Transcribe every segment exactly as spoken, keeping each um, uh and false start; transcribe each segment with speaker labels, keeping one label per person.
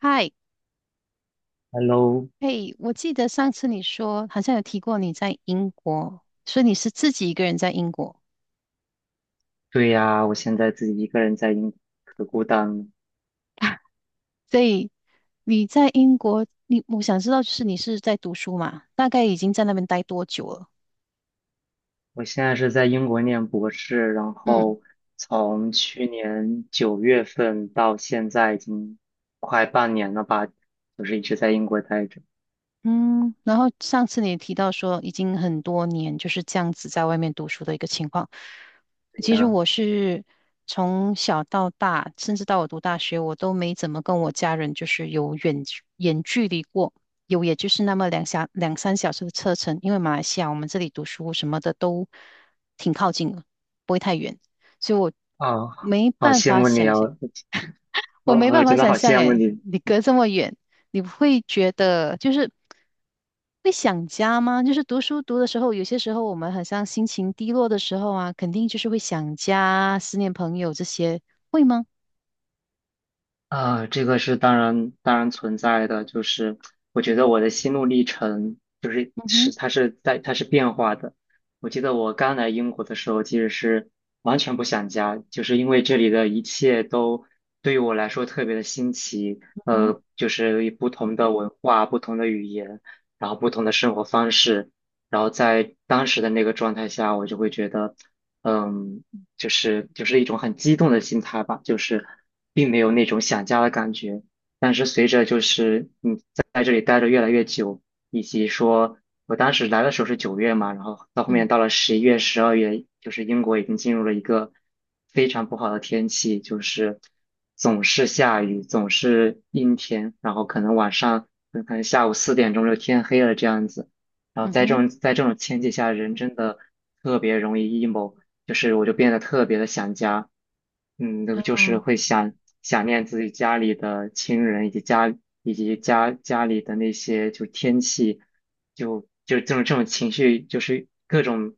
Speaker 1: 嗨，
Speaker 2: Hello，
Speaker 1: 嘿，我记得上次你说好像有提过你在英国，所以你是自己一个人在英国，
Speaker 2: 对呀，我现在自己一个人在英国，可孤单了。
Speaker 1: 所以你在英国，你我想知道就是你是在读书嘛？大概已经在那边待多久了？
Speaker 2: 我现在是在英国念博士，然
Speaker 1: 嗯
Speaker 2: 后从去年九月份到现在已经快半年了吧，就是一直在英国待着。
Speaker 1: 嗯，然后上次你也提到说，已经很多年就是这样子在外面读书的一个情况。
Speaker 2: 对
Speaker 1: 其实
Speaker 2: 呀，
Speaker 1: 我是从小到大，甚至到我读大学，我都没怎么跟我家人就是有远远距离过，有也就是那么两小两三小时的车程，因为马来西亚我们这里读书什么的都挺靠近的，不会太远，所以我
Speaker 2: 啊，
Speaker 1: 没
Speaker 2: 好
Speaker 1: 办
Speaker 2: 羡
Speaker 1: 法
Speaker 2: 慕你
Speaker 1: 想
Speaker 2: 啊，
Speaker 1: 象。
Speaker 2: 我
Speaker 1: 我
Speaker 2: 我
Speaker 1: 没办
Speaker 2: 我
Speaker 1: 法
Speaker 2: 真的
Speaker 1: 想
Speaker 2: 好
Speaker 1: 象，
Speaker 2: 羡慕
Speaker 1: 诶，
Speaker 2: 你。
Speaker 1: 你隔这么远，你不会觉得就是会想家吗？就是读书读的时候，有些时候我们好像心情低落的时候啊，肯定就是会想家、思念朋友这些，会吗？
Speaker 2: 啊，这个是当然当然存在的，就是我觉得我的心路历程就是
Speaker 1: 嗯哼，
Speaker 2: 是它是在它是变化的。我记得我刚来英国的时候，其实是完全不想家，就是因为这里的一切都对于我来说特别的新奇，
Speaker 1: 嗯
Speaker 2: 呃，就是不同的文化、不同的语言，然后不同的生活方式，然后在当时的那个状态下，我就会觉得。嗯，就是就是一种很激动的心态吧，就是并没有那种想家的感觉。但是随着就是你在这里待着越来越久，以及说我当时来的时候是九月嘛，然后到后面
Speaker 1: 嗯
Speaker 2: 到了十一月、十二月，就是英国已经进入了一个非常不好的天气，就是总是下雨，总是阴天，然后可能晚上嗯可能下午四点钟就天黑了这样子。然后
Speaker 1: 嗯
Speaker 2: 在这
Speaker 1: 哼，
Speaker 2: 种在这种天气下，人真的特别容易 emo。就是我就变得特别的想家，嗯，就是
Speaker 1: 哦，
Speaker 2: 会想想念自己家里的亲人，以及家以及家家里的那些就天气，就就这种这种情绪，就是各种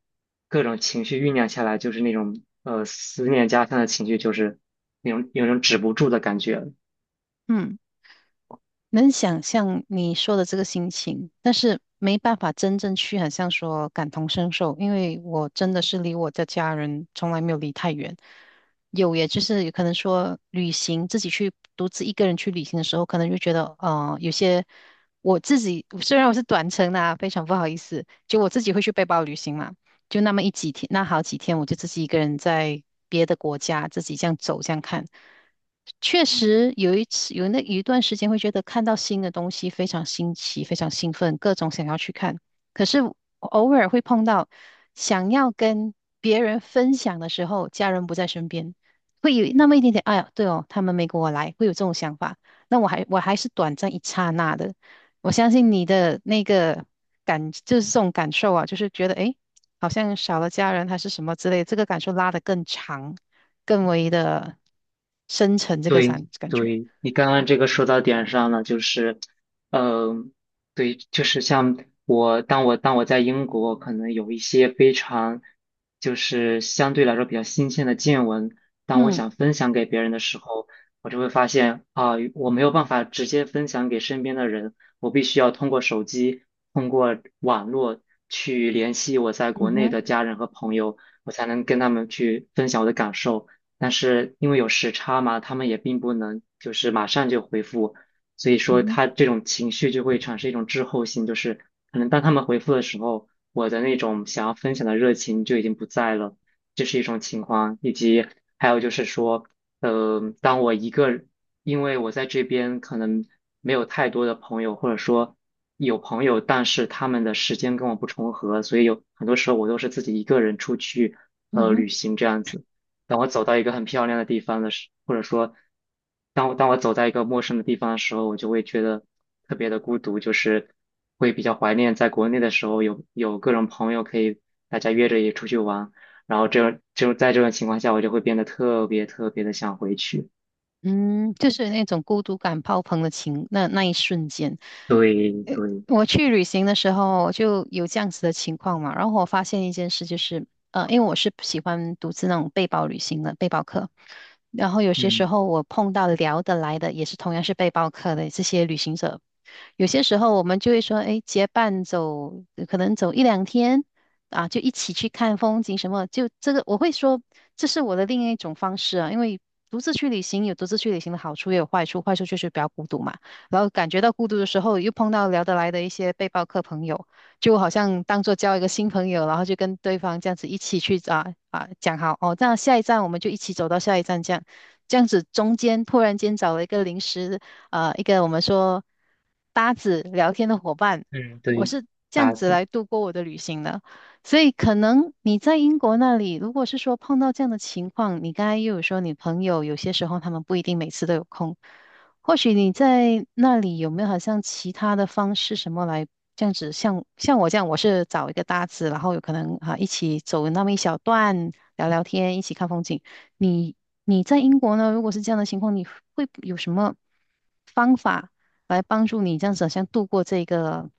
Speaker 2: 各种情绪酝酿下来，就是那种呃思念家乡的情绪，就是那种有种止不住的感觉。
Speaker 1: 嗯。能想象你说的这个心情，但是没办法真正去很像说感同身受，因为我真的是离我的家人从来没有离太远。有，也就是有可能说旅行，自己去独自一个人去旅行的时候，可能就觉得，呃，有些我自己虽然我是短程的啊，非常不好意思，就我自己会去背包旅行嘛，就那么一几天，那好几天，我就自己一个人在别的国家自己这样走这样看。确实有一次有那有一段时间会觉得看到新的东西非常新奇，非常兴奋，各种想要去看。可是偶尔会碰到想要跟别人分享的时候，家人不在身边，会有那么一点点，哎呀，对哦，他们没跟我来，会有这种想法。那我还我还是短暂一刹那的，我相信你的那个感就是这种感受啊，就是觉得诶，好像少了家人还是什么之类，这个感受拉得更长，更为的。深沉这个
Speaker 2: 对
Speaker 1: 感感觉。
Speaker 2: 对，你刚刚这个说到点上了，就是，嗯、对，就是像我，当我当我在英国，可能有一些非常，就是相对来说比较新鲜的见闻，当我
Speaker 1: 嗯
Speaker 2: 想分享给别人的时候，我就会发现啊、我没有办法直接分享给身边的人，我必须要通过手机，通过网络去联系我在
Speaker 1: 嗯
Speaker 2: 国内的
Speaker 1: 哼
Speaker 2: 家人和朋友，我才能跟他们去分享我的感受。但是因为有时差嘛，他们也并不能就是马上就回复，所以
Speaker 1: 嗯
Speaker 2: 说
Speaker 1: 哼
Speaker 2: 他这种情绪就会产生一种滞后性，就是可能当他们回复的时候，我的那种想要分享的热情就已经不在了，这是一种情况，以及还有就是说，呃，当我一个人因为我在这边可能没有太多的朋友，或者说有朋友，但是他们的时间跟我不重合，所以有很多时候我都是自己一个人出去，
Speaker 1: 嗯
Speaker 2: 呃，旅
Speaker 1: 哼
Speaker 2: 行这样子。当我走到一个很漂亮的地方的时，或者说，当我当我走在一个陌生的地方的时候，我就会觉得特别的孤独，就是会比较怀念在国内的时候有有各种朋友可以大家约着也出去玩，然后这种就在这种情况下，我就会变得特别特别的想回去。
Speaker 1: 嗯，就是那种孤独感爆棚的情，那那一瞬间，
Speaker 2: 对对，
Speaker 1: 我去旅行的时候就有这样子的情况嘛。然后我发现一件事，就是呃，因为我是喜欢独自那种背包旅行的背包客，然后有些
Speaker 2: 嗯
Speaker 1: 时候我碰到聊得来的，也是同样是背包客的这些旅行者有些时候我们就会说，哎，结伴走，呃可能走一两天啊，就一起去看风景什么。就这个，我会说这是我的另一种方式啊，因为独自去旅行有独自去旅行的好处，也有坏处。坏处就是比较孤独嘛，然后感觉到孤独的时候，又碰到聊得来的一些背包客朋友，就好像当做交一个新朋友，然后就跟对方这样子一起去啊啊讲好哦，那下一站我们就一起走到下一站这样。这样子中间突然间找了一个临时。呃一个我们说搭子聊天的伙伴，
Speaker 2: 嗯
Speaker 1: 我
Speaker 2: 对，
Speaker 1: 是这样
Speaker 2: 大
Speaker 1: 子
Speaker 2: 子。
Speaker 1: 来度过我的旅行的。所以可能你在英国那里，如果是说碰到这样的情况，你刚才又有说你朋友有些时候他们不一定每次都有空，或许你在那里有没有好像其他的方式什么来这样子，像像我这样，我是找一个搭子，然后有可能啊一起走那么一小段聊聊天，一起看风景。你你在英国呢？如果是这样的情况，你会有什么方法来帮助你这样子，好像度过这个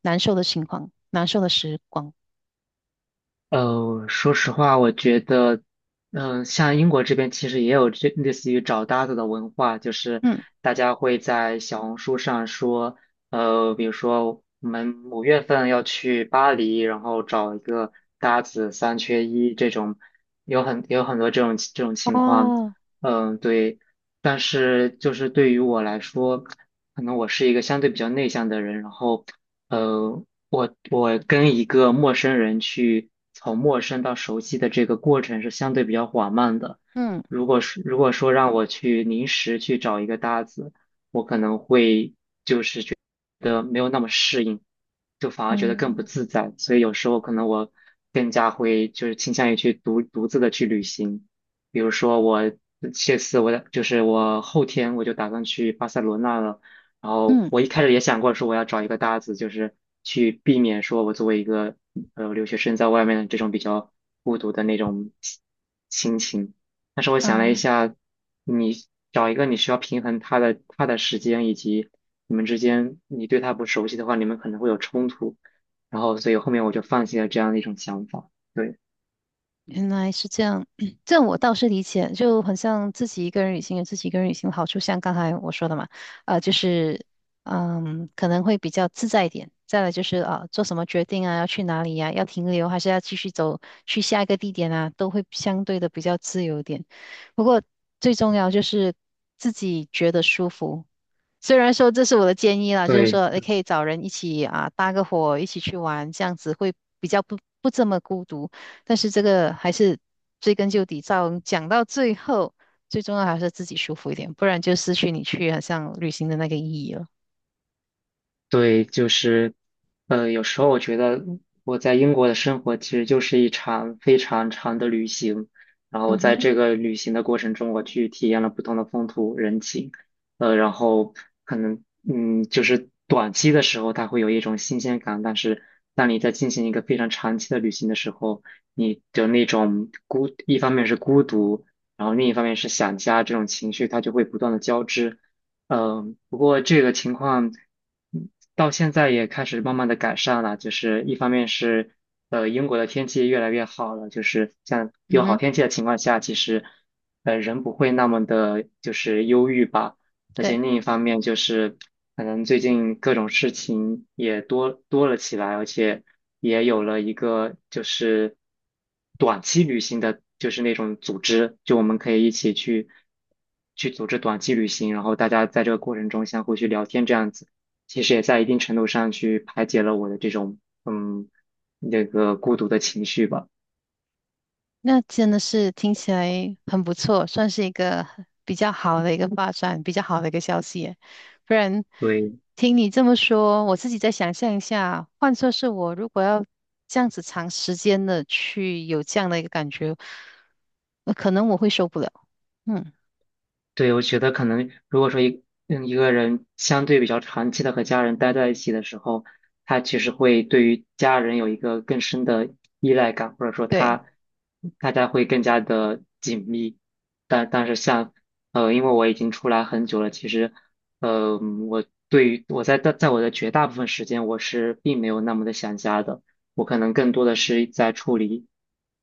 Speaker 1: 难受的情况、难受的时光？
Speaker 2: 呃，说实话，我觉得，嗯、像英国这边其实也有这类似于找搭子的文化，就是
Speaker 1: 嗯
Speaker 2: 大家会在小红书上说，呃，比如说我们五月份要去巴黎，然后找一个搭子三缺一这种，有很有很多这种这种情况，
Speaker 1: 哦，
Speaker 2: 嗯、对。但是就是对于我来说，可能我是一个相对比较内向的人，然后。呃，我我跟一个陌生人去从陌生到熟悉的这个过程是相对比较缓慢的。
Speaker 1: 嗯
Speaker 2: 如果是如果说让我去临时去找一个搭子，我可能会的没有那么适应，就反而觉得更不
Speaker 1: 嗯，
Speaker 2: 自在。所以有时候可能我更加会就是倾向于去独独自的去旅行。比如说我这次我的就是我后天我就打算去巴塞罗那了，然后
Speaker 1: 嗯
Speaker 2: 我一开始也想过说我要找一个搭子，就是去避免说我作为一个呃留学生在外面的这种比较孤独的那种心情。但是我想了一
Speaker 1: 啊，
Speaker 2: 下，你找一个你需要平衡他的他的时间以及你们之间你对他不熟悉的话，你们可能会有冲突，然后所以后面我就放弃了这样的一种想法。对，
Speaker 1: 原来是这样，这样我倒是理解，就很像自己一个人旅行有自己一个人旅行的好处，像刚才我说的嘛，呃，就是嗯，可能会比较自在一点。再来就是啊、呃做什么决定啊，要去哪里呀、要停留还是要继续走去下一个地点啊，都会相对的比较自由一点。不过最重要就是自己觉得舒服，虽然说这是我的建议啦，就是
Speaker 2: 对。
Speaker 1: 说你可以找人一起啊搭个伙，一起去玩，这样子会比较不不这么孤独。但是这个还是追根究底，到讲到最后，最重要还是自己舒服一点，不然就失去你去好像旅行的那个意义了。
Speaker 2: 对，就是，呃，有时候我觉得我在英国的生活其实就是一场非常长的旅行，然后我
Speaker 1: 嗯
Speaker 2: 在
Speaker 1: 哼，
Speaker 2: 这个旅行的过程中，我去体验了不同的风土人情，呃，然后可能，嗯，就是短期的时候它会有一种新鲜感，但是当你在进行一个非常长期的旅行的时候，你的那种孤，一方面是孤独，然后另一方面是想家这种情绪，它就会不断的交织。嗯，不过这个情况嗯到现在也开始慢慢的改善了，就是一方面是呃英国的天气越来越好了，就是像
Speaker 1: 嗯
Speaker 2: 有好
Speaker 1: 哼，
Speaker 2: 天气的情况下，其实呃人不会那么的就是忧郁吧。而且
Speaker 1: 对。
Speaker 2: 另一方面就是，可能最近各种事情也多多了起来，而且也有了一个就是短期旅行的，就是那种组织，就我们可以一起去去组织短期旅行，然后大家在这个过程中相互去聊天，这样子，其实也在一定程度上去排解了我的这种嗯那个孤独的情绪吧。
Speaker 1: 那真的是听起来很不错，算是一个比较好的一个发展，比较好的一个消息耶不然，
Speaker 2: 对。
Speaker 1: 听你这么说，我自己再想象一下，换作是我，如果要这样子长时间的去有这样的一个感觉，呃可能我会受不了。嗯，
Speaker 2: 对，我觉得可能如果说一嗯一个人相对比较长期的和家人待在一起的时候，他其实会对于家人有一个更深的依赖感，或者说
Speaker 1: 对，
Speaker 2: 他大家会更加的紧密。但但是像呃，因为我已经出来很久了，其实呃，我对于我在在在我的绝大部分时间，我是并没有那么的想家的，我可能更多的是在处理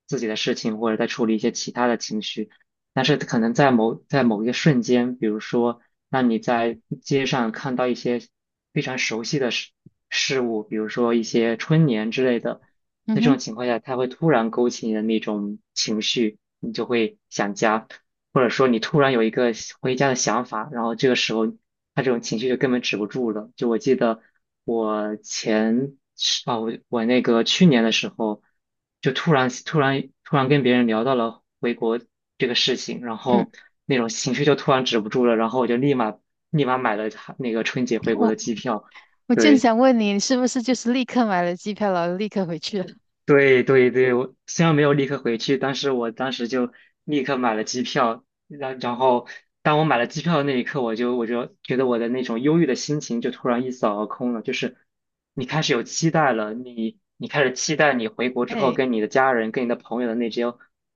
Speaker 2: 自己的事情，或者在处理一些其他的情绪。但是可能在某在某一个瞬间，比如说，让你在街上看到一些非常熟悉的事事物，比如说一些春联之类的，
Speaker 1: 嗯
Speaker 2: 在这
Speaker 1: 哼，
Speaker 2: 种情况下，它会突然勾起你的那种情绪，你就会想家。或者说你突然有一个想回家的想法，然后这个时候他这种情绪就根本止不住了。就我记得，我前啊，哦我我那个去年的时候，就突然突然突然跟别人聊到了回国这个事情，然
Speaker 1: 嗯，
Speaker 2: 后那种情绪就突然止不住了，然后我就立马立马买了他那个春节回国的
Speaker 1: 我
Speaker 2: 机票。
Speaker 1: 我正
Speaker 2: 对，
Speaker 1: 想问你，你是不是就是立刻买了机票，然后立刻回去了？
Speaker 2: 对对对，我虽然没有立刻回去，但是我当时就立刻买了机票，然然后当我买了机票的那一刻，我就我就觉得我的那种忧郁的心情就突然一扫而空了，就是你开始有期待了，你你开始期待你回国之后
Speaker 1: 哎，
Speaker 2: 跟你的家人、跟你的朋友的那些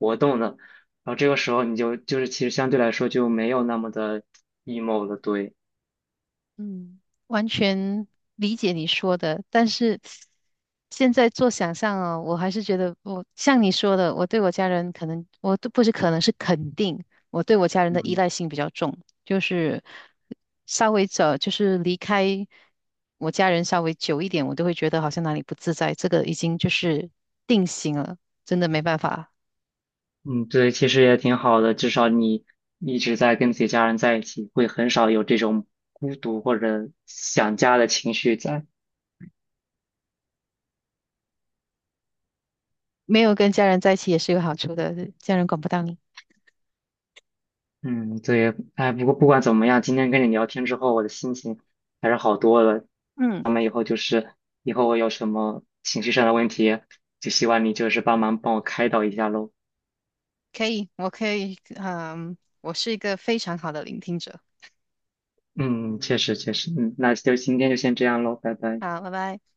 Speaker 2: 活动了，然后这个时候你就就是其实相对来说就没有那么的 emo 了，对，
Speaker 1: 嗯，完全理解你说的，但是现在做想象哦，我还是觉得我像你说的，我对我家人可能我都不是可能是肯定，我对我家人的依
Speaker 2: 嗯。
Speaker 1: 赖性比较重，就是稍微走，就是离开我家人稍微久一点，我都会觉得好像哪里不自在，这个已经就是定型了，真的没办法，
Speaker 2: 嗯，对，其实也挺好的，至少你一直在跟自己家人在一起，会很少有这种孤独或者想家的情绪在。
Speaker 1: 没有跟家人在一起也是有好处的，家人管不到你。
Speaker 2: 嗯，对，哎，不过不管怎么样，今天跟你聊天之后，我的心情还是好多了。
Speaker 1: 嗯。
Speaker 2: 咱们以后就是以后我有什么情绪上的问题，就希望你就是帮忙帮我开导一下喽。
Speaker 1: 可以，我可以，嗯，我是一个非常好的聆听者。
Speaker 2: 嗯，确实确实，嗯，那就今天就先这样喽，拜拜。
Speaker 1: 好，拜拜。